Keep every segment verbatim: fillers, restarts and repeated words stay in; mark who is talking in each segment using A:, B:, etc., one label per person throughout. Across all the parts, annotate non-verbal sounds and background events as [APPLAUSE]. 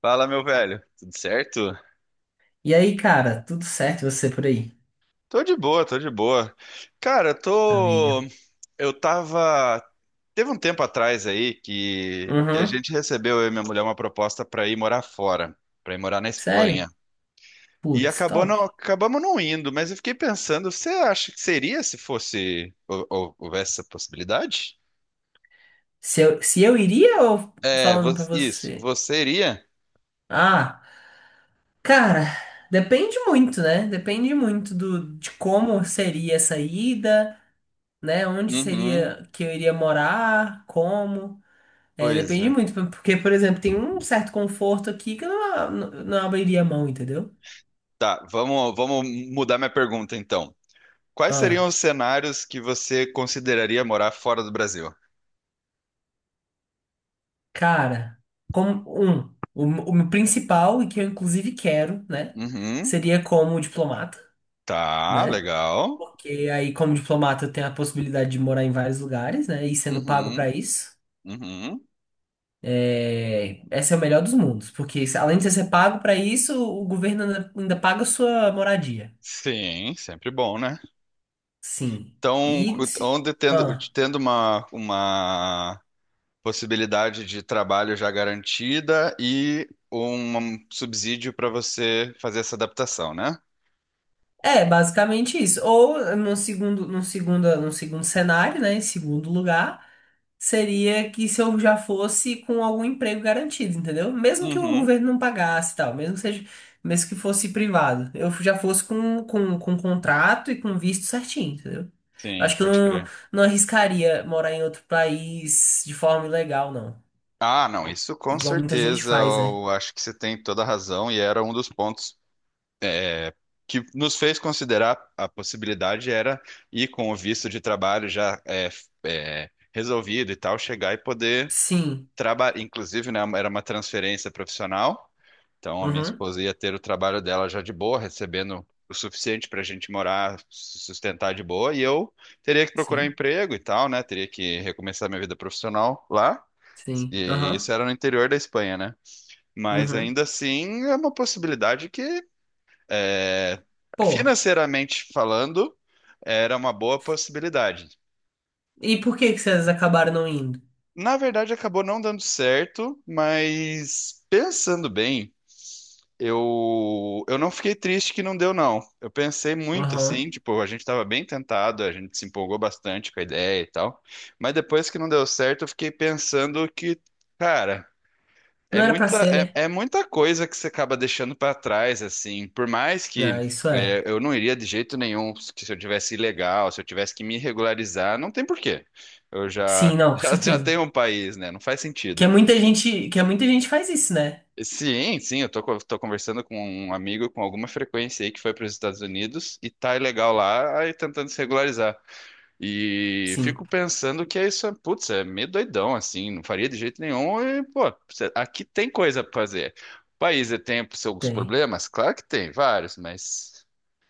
A: Fala, meu velho. Tudo certo?
B: E aí, cara, tudo certo e você por aí?
A: Tô de boa, tô de boa. Cara, eu tô.
B: Maravilha.
A: Eu tava. Teve um tempo atrás aí que, que a
B: Uhum.
A: gente recebeu, eu e minha mulher, uma proposta pra ir morar fora, pra ir morar na Espanha.
B: Sério?
A: E
B: Putz,
A: acabou
B: top.
A: não... Acabamos não indo, mas eu fiquei pensando, você acha que seria se fosse. hou- hou- Houvesse essa possibilidade?
B: Se eu, se eu iria ou
A: É, vo-
B: falando pra
A: isso.
B: você?
A: Você iria?
B: Ah, cara, depende muito, né? Depende muito do, de como seria essa ida, né? Onde
A: Uhum,
B: seria que eu iria morar, como. É,
A: pois é.
B: depende muito, porque, por exemplo, tem um certo conforto aqui que eu não, não, não abriria mão, entendeu?
A: Tá, vamos, vamos mudar minha pergunta então. Quais seriam
B: Ah.
A: os cenários que você consideraria morar fora do Brasil?
B: Cara, como um, o, o meu principal e que eu inclusive quero, né,
A: Uhum.
B: seria como diplomata,
A: Tá,
B: né?
A: legal.
B: Porque aí como diplomata eu tenho a possibilidade de morar em vários lugares, né, e sendo pago
A: Uhum.
B: pra isso.
A: Uhum.
B: É, esse é o melhor dos mundos, porque se- além de você ser pago pra isso, o governo ainda, ainda paga a sua moradia.
A: Sim, sempre bom, né?
B: Sim.
A: Então,
B: E
A: cu-
B: se-
A: onde tendo,
B: ah,
A: tendo uma, uma possibilidade de trabalho já garantida e um um subsídio para você fazer essa adaptação, né?
B: é basicamente isso. Ou no segundo, no segundo, no segundo cenário, né, em segundo lugar seria que se eu já fosse com algum emprego garantido, entendeu? Mesmo que o
A: Uhum.
B: governo não pagasse e tal, mesmo que seja, mesmo que fosse privado, eu já fosse com, com, com um contrato e com um visto certinho, entendeu? Eu
A: Sim,
B: acho que eu
A: pode
B: não,
A: crer.
B: não arriscaria morar em outro país de forma ilegal, não.
A: Ah, não, isso com
B: Igual muita gente
A: certeza,
B: faz, né?
A: eu acho que você tem toda a razão e era um dos pontos que nos fez considerar a possibilidade era ir com o visto de trabalho já é, f- é, resolvido e tal, chegar e poder
B: Sim.
A: trabalhar. Inclusive, né, era uma transferência profissional, então a minha
B: Uhum.
A: esposa ia ter o trabalho dela já de boa, recebendo o suficiente para a gente morar, se sustentar de boa, e eu teria que procurar
B: Sim.
A: emprego e tal, né? Teria que recomeçar minha vida profissional lá.
B: Sim.
A: E isso
B: Aham.
A: era no interior da Espanha, né? Mas
B: Uhum.
A: ainda assim é uma possibilidade que é,
B: Pô.
A: financeiramente falando, era uma boa possibilidade.
B: E por que que vocês acabaram não indo?
A: Na verdade, acabou não dando certo, mas pensando bem, eu, eu não fiquei triste que não deu, não. Eu pensei muito
B: Aham.
A: assim, tipo, a gente estava bem tentado, a gente se empolgou bastante com a ideia e tal, mas depois que não deu certo, eu fiquei pensando que, cara. É
B: Não era pra
A: muita,
B: ser, né?
A: é, é muita coisa que você acaba deixando para trás, assim. Por mais que
B: Ah, isso é.
A: é, eu não iria de jeito nenhum que se eu tivesse ilegal, se eu tivesse que me regularizar, não tem porquê. Eu já,
B: Sim,
A: [LAUGHS]
B: não, com
A: já, já
B: certeza.
A: tenho um país, né? Não faz
B: Que
A: sentido.
B: é muita gente, que é muita gente faz isso, né?
A: Sim, sim, eu tô, co- tô conversando com um amigo com alguma frequência aí que foi para os Estados Unidos e tá ilegal lá, aí tentando se regularizar. E
B: Sim,
A: fico pensando que é isso, é- putz, é meio doidão, assim, não faria de jeito nenhum. E, pô, cê- aqui tem coisa pra fazer. O país é- tem seus
B: tem.
A: problemas? Claro que tem, vários, mas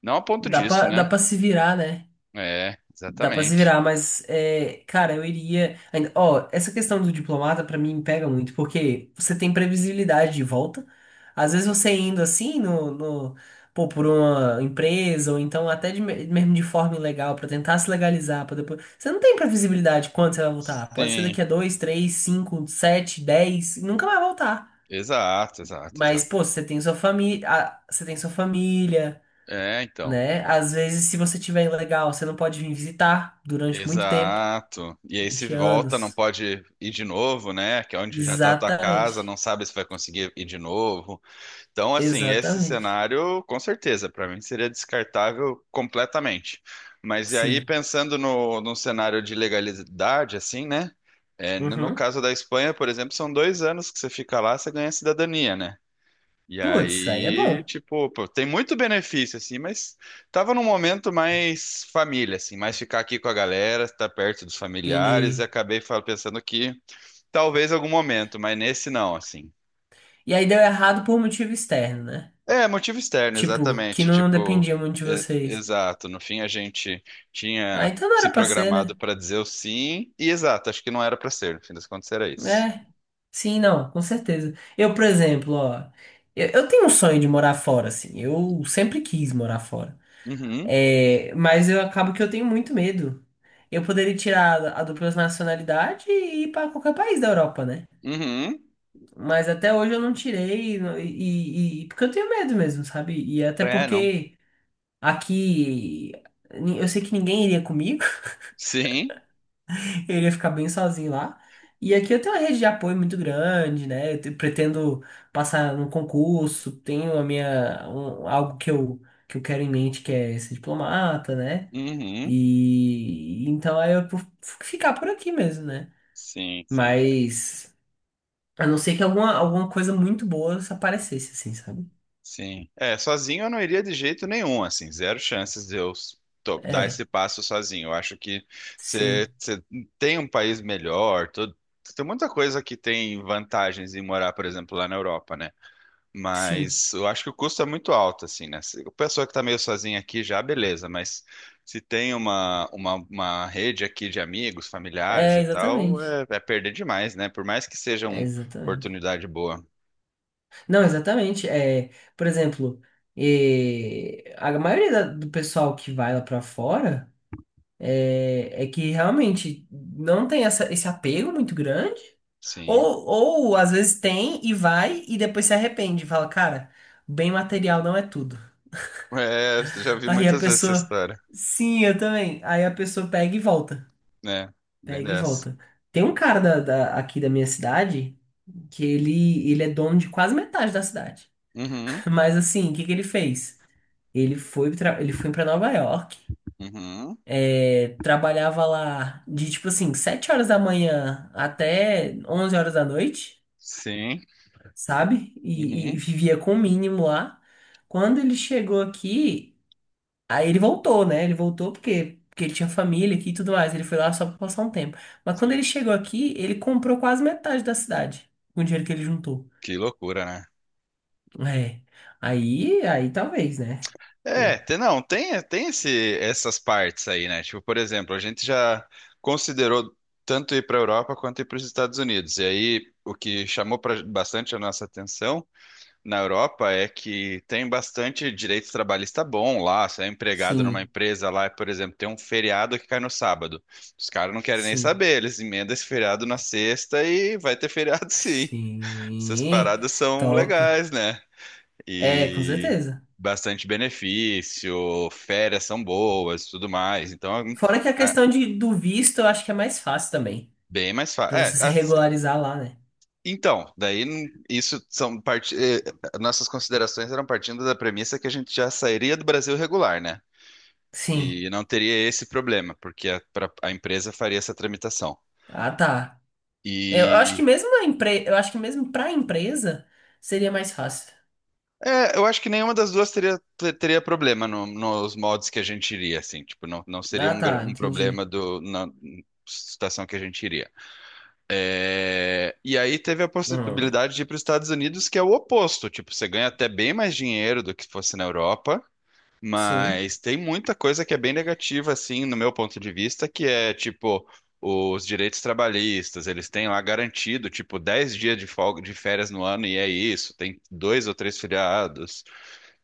A: não a ponto
B: Dá
A: disso,
B: pra, dá
A: né?
B: pra se virar, né?
A: É,
B: Dá pra se
A: exatamente.
B: virar, mas, é, cara, eu iria. ainda- Ó, essa questão do diplomata pra mim pega muito, porque você tem previsibilidade de volta. Às vezes você indo assim, no, no- pô, por uma empresa, ou então até de me- mesmo de forma ilegal, pra tentar se legalizar, pra depois. Você não tem previsibilidade quando você vai voltar. Pode ser
A: Sim,
B: daqui a dois, três, cinco, sete, dez, e nunca vai voltar.
A: exato, exato,
B: Mas,
A: exato.
B: pô, você tem sua família, você tem sua família,
A: É, então.
B: né? Às vezes, se você tiver ilegal, você não pode vir visitar durante muito tempo,
A: Exato. E aí se
B: vinte
A: volta, não
B: anos.
A: pode ir de novo, né? Que é onde já tá a tua casa, não
B: Exatamente.
A: sabe se vai conseguir ir de novo. Então, assim, esse
B: Exatamente.
A: cenário, com certeza, para mim seria descartável completamente. Mas e aí,
B: Sim.
A: pensando no, no cenário de legalidade, assim, né? É, no no
B: Uhum.
A: caso da Espanha, por exemplo, são dois anos que você fica lá, você ganha cidadania, né? E
B: Putz, aí é
A: aí,
B: bom.
A: tipo, pô, tem muito benefício, assim, mas tava num momento mais família, assim, mais ficar aqui com a galera, estar perto dos familiares, e
B: Entendi.
A: acabei fa- pensando que talvez algum momento, mas nesse não, assim.
B: E aí deu errado por motivo externo, né?
A: É, motivo externo,
B: Tipo, que
A: exatamente.
B: não
A: Tipo,
B: dependia muito de
A: é-
B: vocês.
A: exato. No fim, a gente
B: Ah,
A: tinha
B: então não
A: se
B: era pra ser,
A: programado
B: né?
A: para dizer o sim, e exato, acho que não era para ser. No fim das contas, era isso.
B: É. Sim, não, com certeza. Eu, por exemplo, ó, eu, eu tenho um sonho de morar fora, assim. Eu sempre quis morar fora.
A: Uhum,
B: É, mas eu acabo que eu tenho muito medo. Eu poderia tirar a dupla nacionalidade e ir para qualquer país da Europa, né?
A: uhum.
B: Mas até hoje eu não tirei, e, e- e- porque eu tenho medo mesmo, sabe? E até
A: É, não.
B: porque aqui ni- eu sei que ninguém iria comigo,
A: Sim,
B: [LAUGHS] eu iria ficar bem sozinho lá. E aqui eu tenho uma rede de apoio muito grande, né? Eu te- pretendo passar no concurso, tenho a minha, um- algo que eu, que eu quero em mente, que é ser diplomata, né?
A: uhum.
B: E então aí eu vou ficar por aqui mesmo, né?
A: Sim, sim, é,
B: Mas a não ser que alguma, alguma coisa muito boa aparecesse, assim, sabe?
A: sim. É, sozinho eu não iria de jeito nenhum, assim, zero chances de eu s- to- dar
B: É,
A: esse passo sozinho. Eu acho que você
B: sim,
A: tem um país melhor, tudo. Tem muita coisa que tem vantagens em morar, por exemplo, lá na Europa, né?
B: sim.
A: Mas eu acho que o custo é muito alto, assim, né? Se a pessoa que tá meio sozinha aqui já, beleza, mas se tem uma, uma, uma rede aqui de amigos, familiares
B: É,
A: e tal,
B: exatamente.
A: é, é perder demais, né? Por mais que seja
B: É,
A: uma
B: exatamente.
A: oportunidade boa.
B: Não, exatamente. É, por exemplo, é, a maioria da- do pessoal que vai lá pra fora é, é que realmente não tem essa, esse apego muito grande.
A: Sim.
B: Ou, ou às vezes tem e vai e depois se arrepende. Fala, cara, bem material não é tudo.
A: É, já vi
B: Aí a
A: muitas vezes essa
B: pessoa,
A: história,
B: sim, eu também. Aí a pessoa pega e volta.
A: né? Bem
B: Pega e
A: dessa.
B: volta. Tem um cara da, da- aqui da minha cidade que ele, ele é dono de quase metade da cidade.
A: Uhum,
B: [LAUGHS] Mas assim, o que que ele fez? Ele foi, tra- ele foi para Nova York,
A: uhum,
B: é, trabalhava lá de tipo assim, sete horas da manhã até onze horas da noite.
A: sim,
B: Sabe? E, e
A: uhum,
B: vivia com o mínimo lá. Quando ele chegou aqui, aí ele voltou, né? Ele voltou porque, porque ele tinha família aqui e tudo mais. Ele foi lá só pra passar um tempo. Mas quando
A: sim.
B: ele chegou aqui, ele comprou quase metade da cidade com o dinheiro que ele juntou.
A: Que loucura, né?
B: É. Aí, aí talvez, né?
A: É,
B: Pô,
A: tem- não, tem, tem esse, essas partes aí, né? Tipo, por exemplo, a gente já considerou tanto ir para a Europa quanto ir para os Estados Unidos. E aí, o que chamou pra- bastante a nossa atenção na Europa é que tem bastante direito trabalhista bom lá. Você é empregado numa
B: sim,
A: empresa lá, por exemplo, tem um feriado que cai no sábado. Os caras não querem nem
B: sim,
A: saber, eles emendam esse feriado na sexta e vai ter feriado [LAUGHS] sim. Essas
B: sim.
A: paradas são
B: Top.
A: legais, né?
B: É, com
A: E
B: certeza.
A: bastante benefício, férias são boas, e tudo mais. Então,
B: Fora que a
A: é
B: questão de, do visto, eu acho que é mais fácil também.
A: bem mais fácil.
B: Pra
A: É,
B: você se
A: as-
B: regularizar lá, né?
A: então, daí não- isso são parte, eh, nossas considerações eram partindo da premissa que a gente já sairia do Brasil regular, né?
B: Sim.
A: E não teria esse problema, porque a, pra- a empresa faria essa tramitação.
B: Ah, tá. Eu acho que
A: E
B: mesmo a empre... eu acho que mesmo para a empresa seria mais fácil.
A: é, eu acho que nenhuma das duas teria, ter- teria problema no- nos modos que a gente iria, assim, tipo, não, não seria
B: Ah,
A: um, gra-
B: tá,
A: um problema
B: entendi.
A: do, na situação que a gente iria. É, e aí teve a
B: Hum,
A: possibilidade de ir para os Estados Unidos, que é o oposto. Tipo, você ganha até bem mais dinheiro do que fosse na Europa,
B: sim,
A: mas tem muita coisa que é bem negativa, assim, no meu ponto de vista, que é tipo os direitos trabalhistas, eles têm lá garantido, tipo, dez dias de folga de férias no ano, e é isso, tem dois ou três feriados.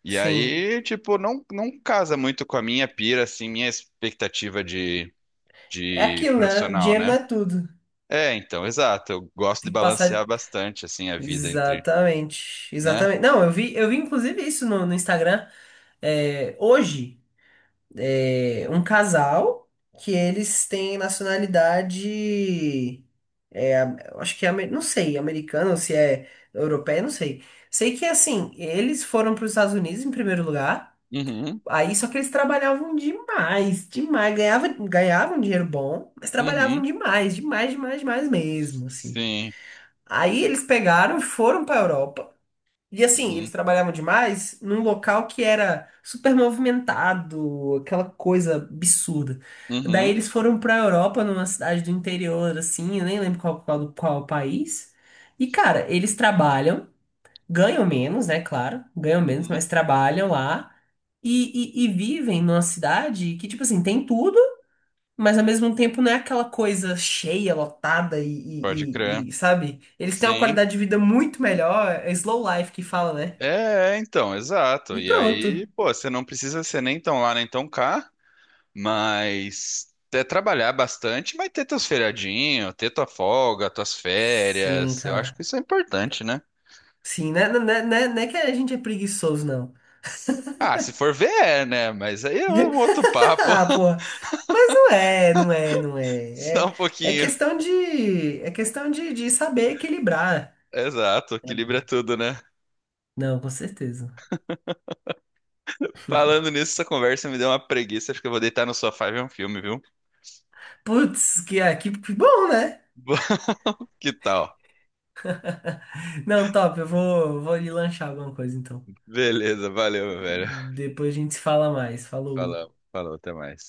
A: E
B: sim.
A: aí, tipo, não, não casa muito com a minha pira, assim, minha expectativa de,
B: É
A: de
B: aquilo, né? O
A: profissional,
B: dinheiro não
A: né?
B: é tudo.
A: É, então, exato. Eu gosto de
B: Tem que
A: balancear
B: passar.
A: bastante, assim, a vida entre,
B: Exatamente,
A: né?
B: exatamente. Não, eu vi, eu vi inclusive isso no, no Instagram. É, hoje, é, um casal que eles têm nacionalidade, é, am- eu acho que é, amer- não sei, americana ou se é europeia, não sei. Sei que assim, eles foram para os Estados Unidos em primeiro lugar.
A: Uhum,
B: Aí só que eles trabalhavam demais, demais. Ganhava, ganhavam dinheiro bom, mas trabalhavam
A: uhum,
B: demais, demais, demais, demais mesmo, assim.
A: sim,
B: Aí eles pegaram, e foram para Europa. E assim,
A: uhum,
B: eles trabalhavam demais num local que era super movimentado, aquela coisa absurda. Daí
A: uhum,
B: eles foram para Europa, numa cidade do interior, assim, eu nem lembro qual, qual, qual país. E cara, eles trabalham ganham menos, né? Claro, ganham menos,
A: uhum.
B: mas trabalham lá e, e, e vivem numa cidade que, tipo assim, tem tudo, mas ao mesmo tempo não é aquela coisa cheia, lotada e,
A: Pode
B: e,
A: crer.
B: e- e, sabe? Eles têm uma
A: Sim.
B: qualidade de vida muito melhor, é slow life que fala, né?
A: É, é, então, exato.
B: E
A: E
B: pronto.
A: aí, pô, você não precisa ser nem tão lá, nem tão cá, mas é trabalhar bastante, mas ter teus feriadinhos, ter tua folga, tuas
B: Sim,
A: férias. Eu acho que
B: cara.
A: isso é importante, né?
B: Sim, né? Não é, não é- não é que a gente é preguiçoso, não.
A: Ah, se for ver, é, né? Mas aí é um outro
B: [LAUGHS]
A: papo.
B: Ah,
A: [LAUGHS]
B: porra. Mas não é, não é, não é.
A: Só
B: É,
A: um
B: é
A: pouquinho.
B: questão de, é questão de, de saber equilibrar.
A: Exato, equilibra tudo, né?
B: Não, com certeza.
A: Falando nisso, essa conversa me deu uma preguiça. Acho que eu vou deitar no sofá e ver um filme, viu?
B: Putz, que, ah, que, que bom, né?
A: [LAUGHS] Que tal?
B: Não, top, eu vou, vou ali lanchar alguma coisa então.
A: Beleza, valeu, meu velho.
B: Depois a gente se fala mais. Falou.
A: Falou, falou, até mais.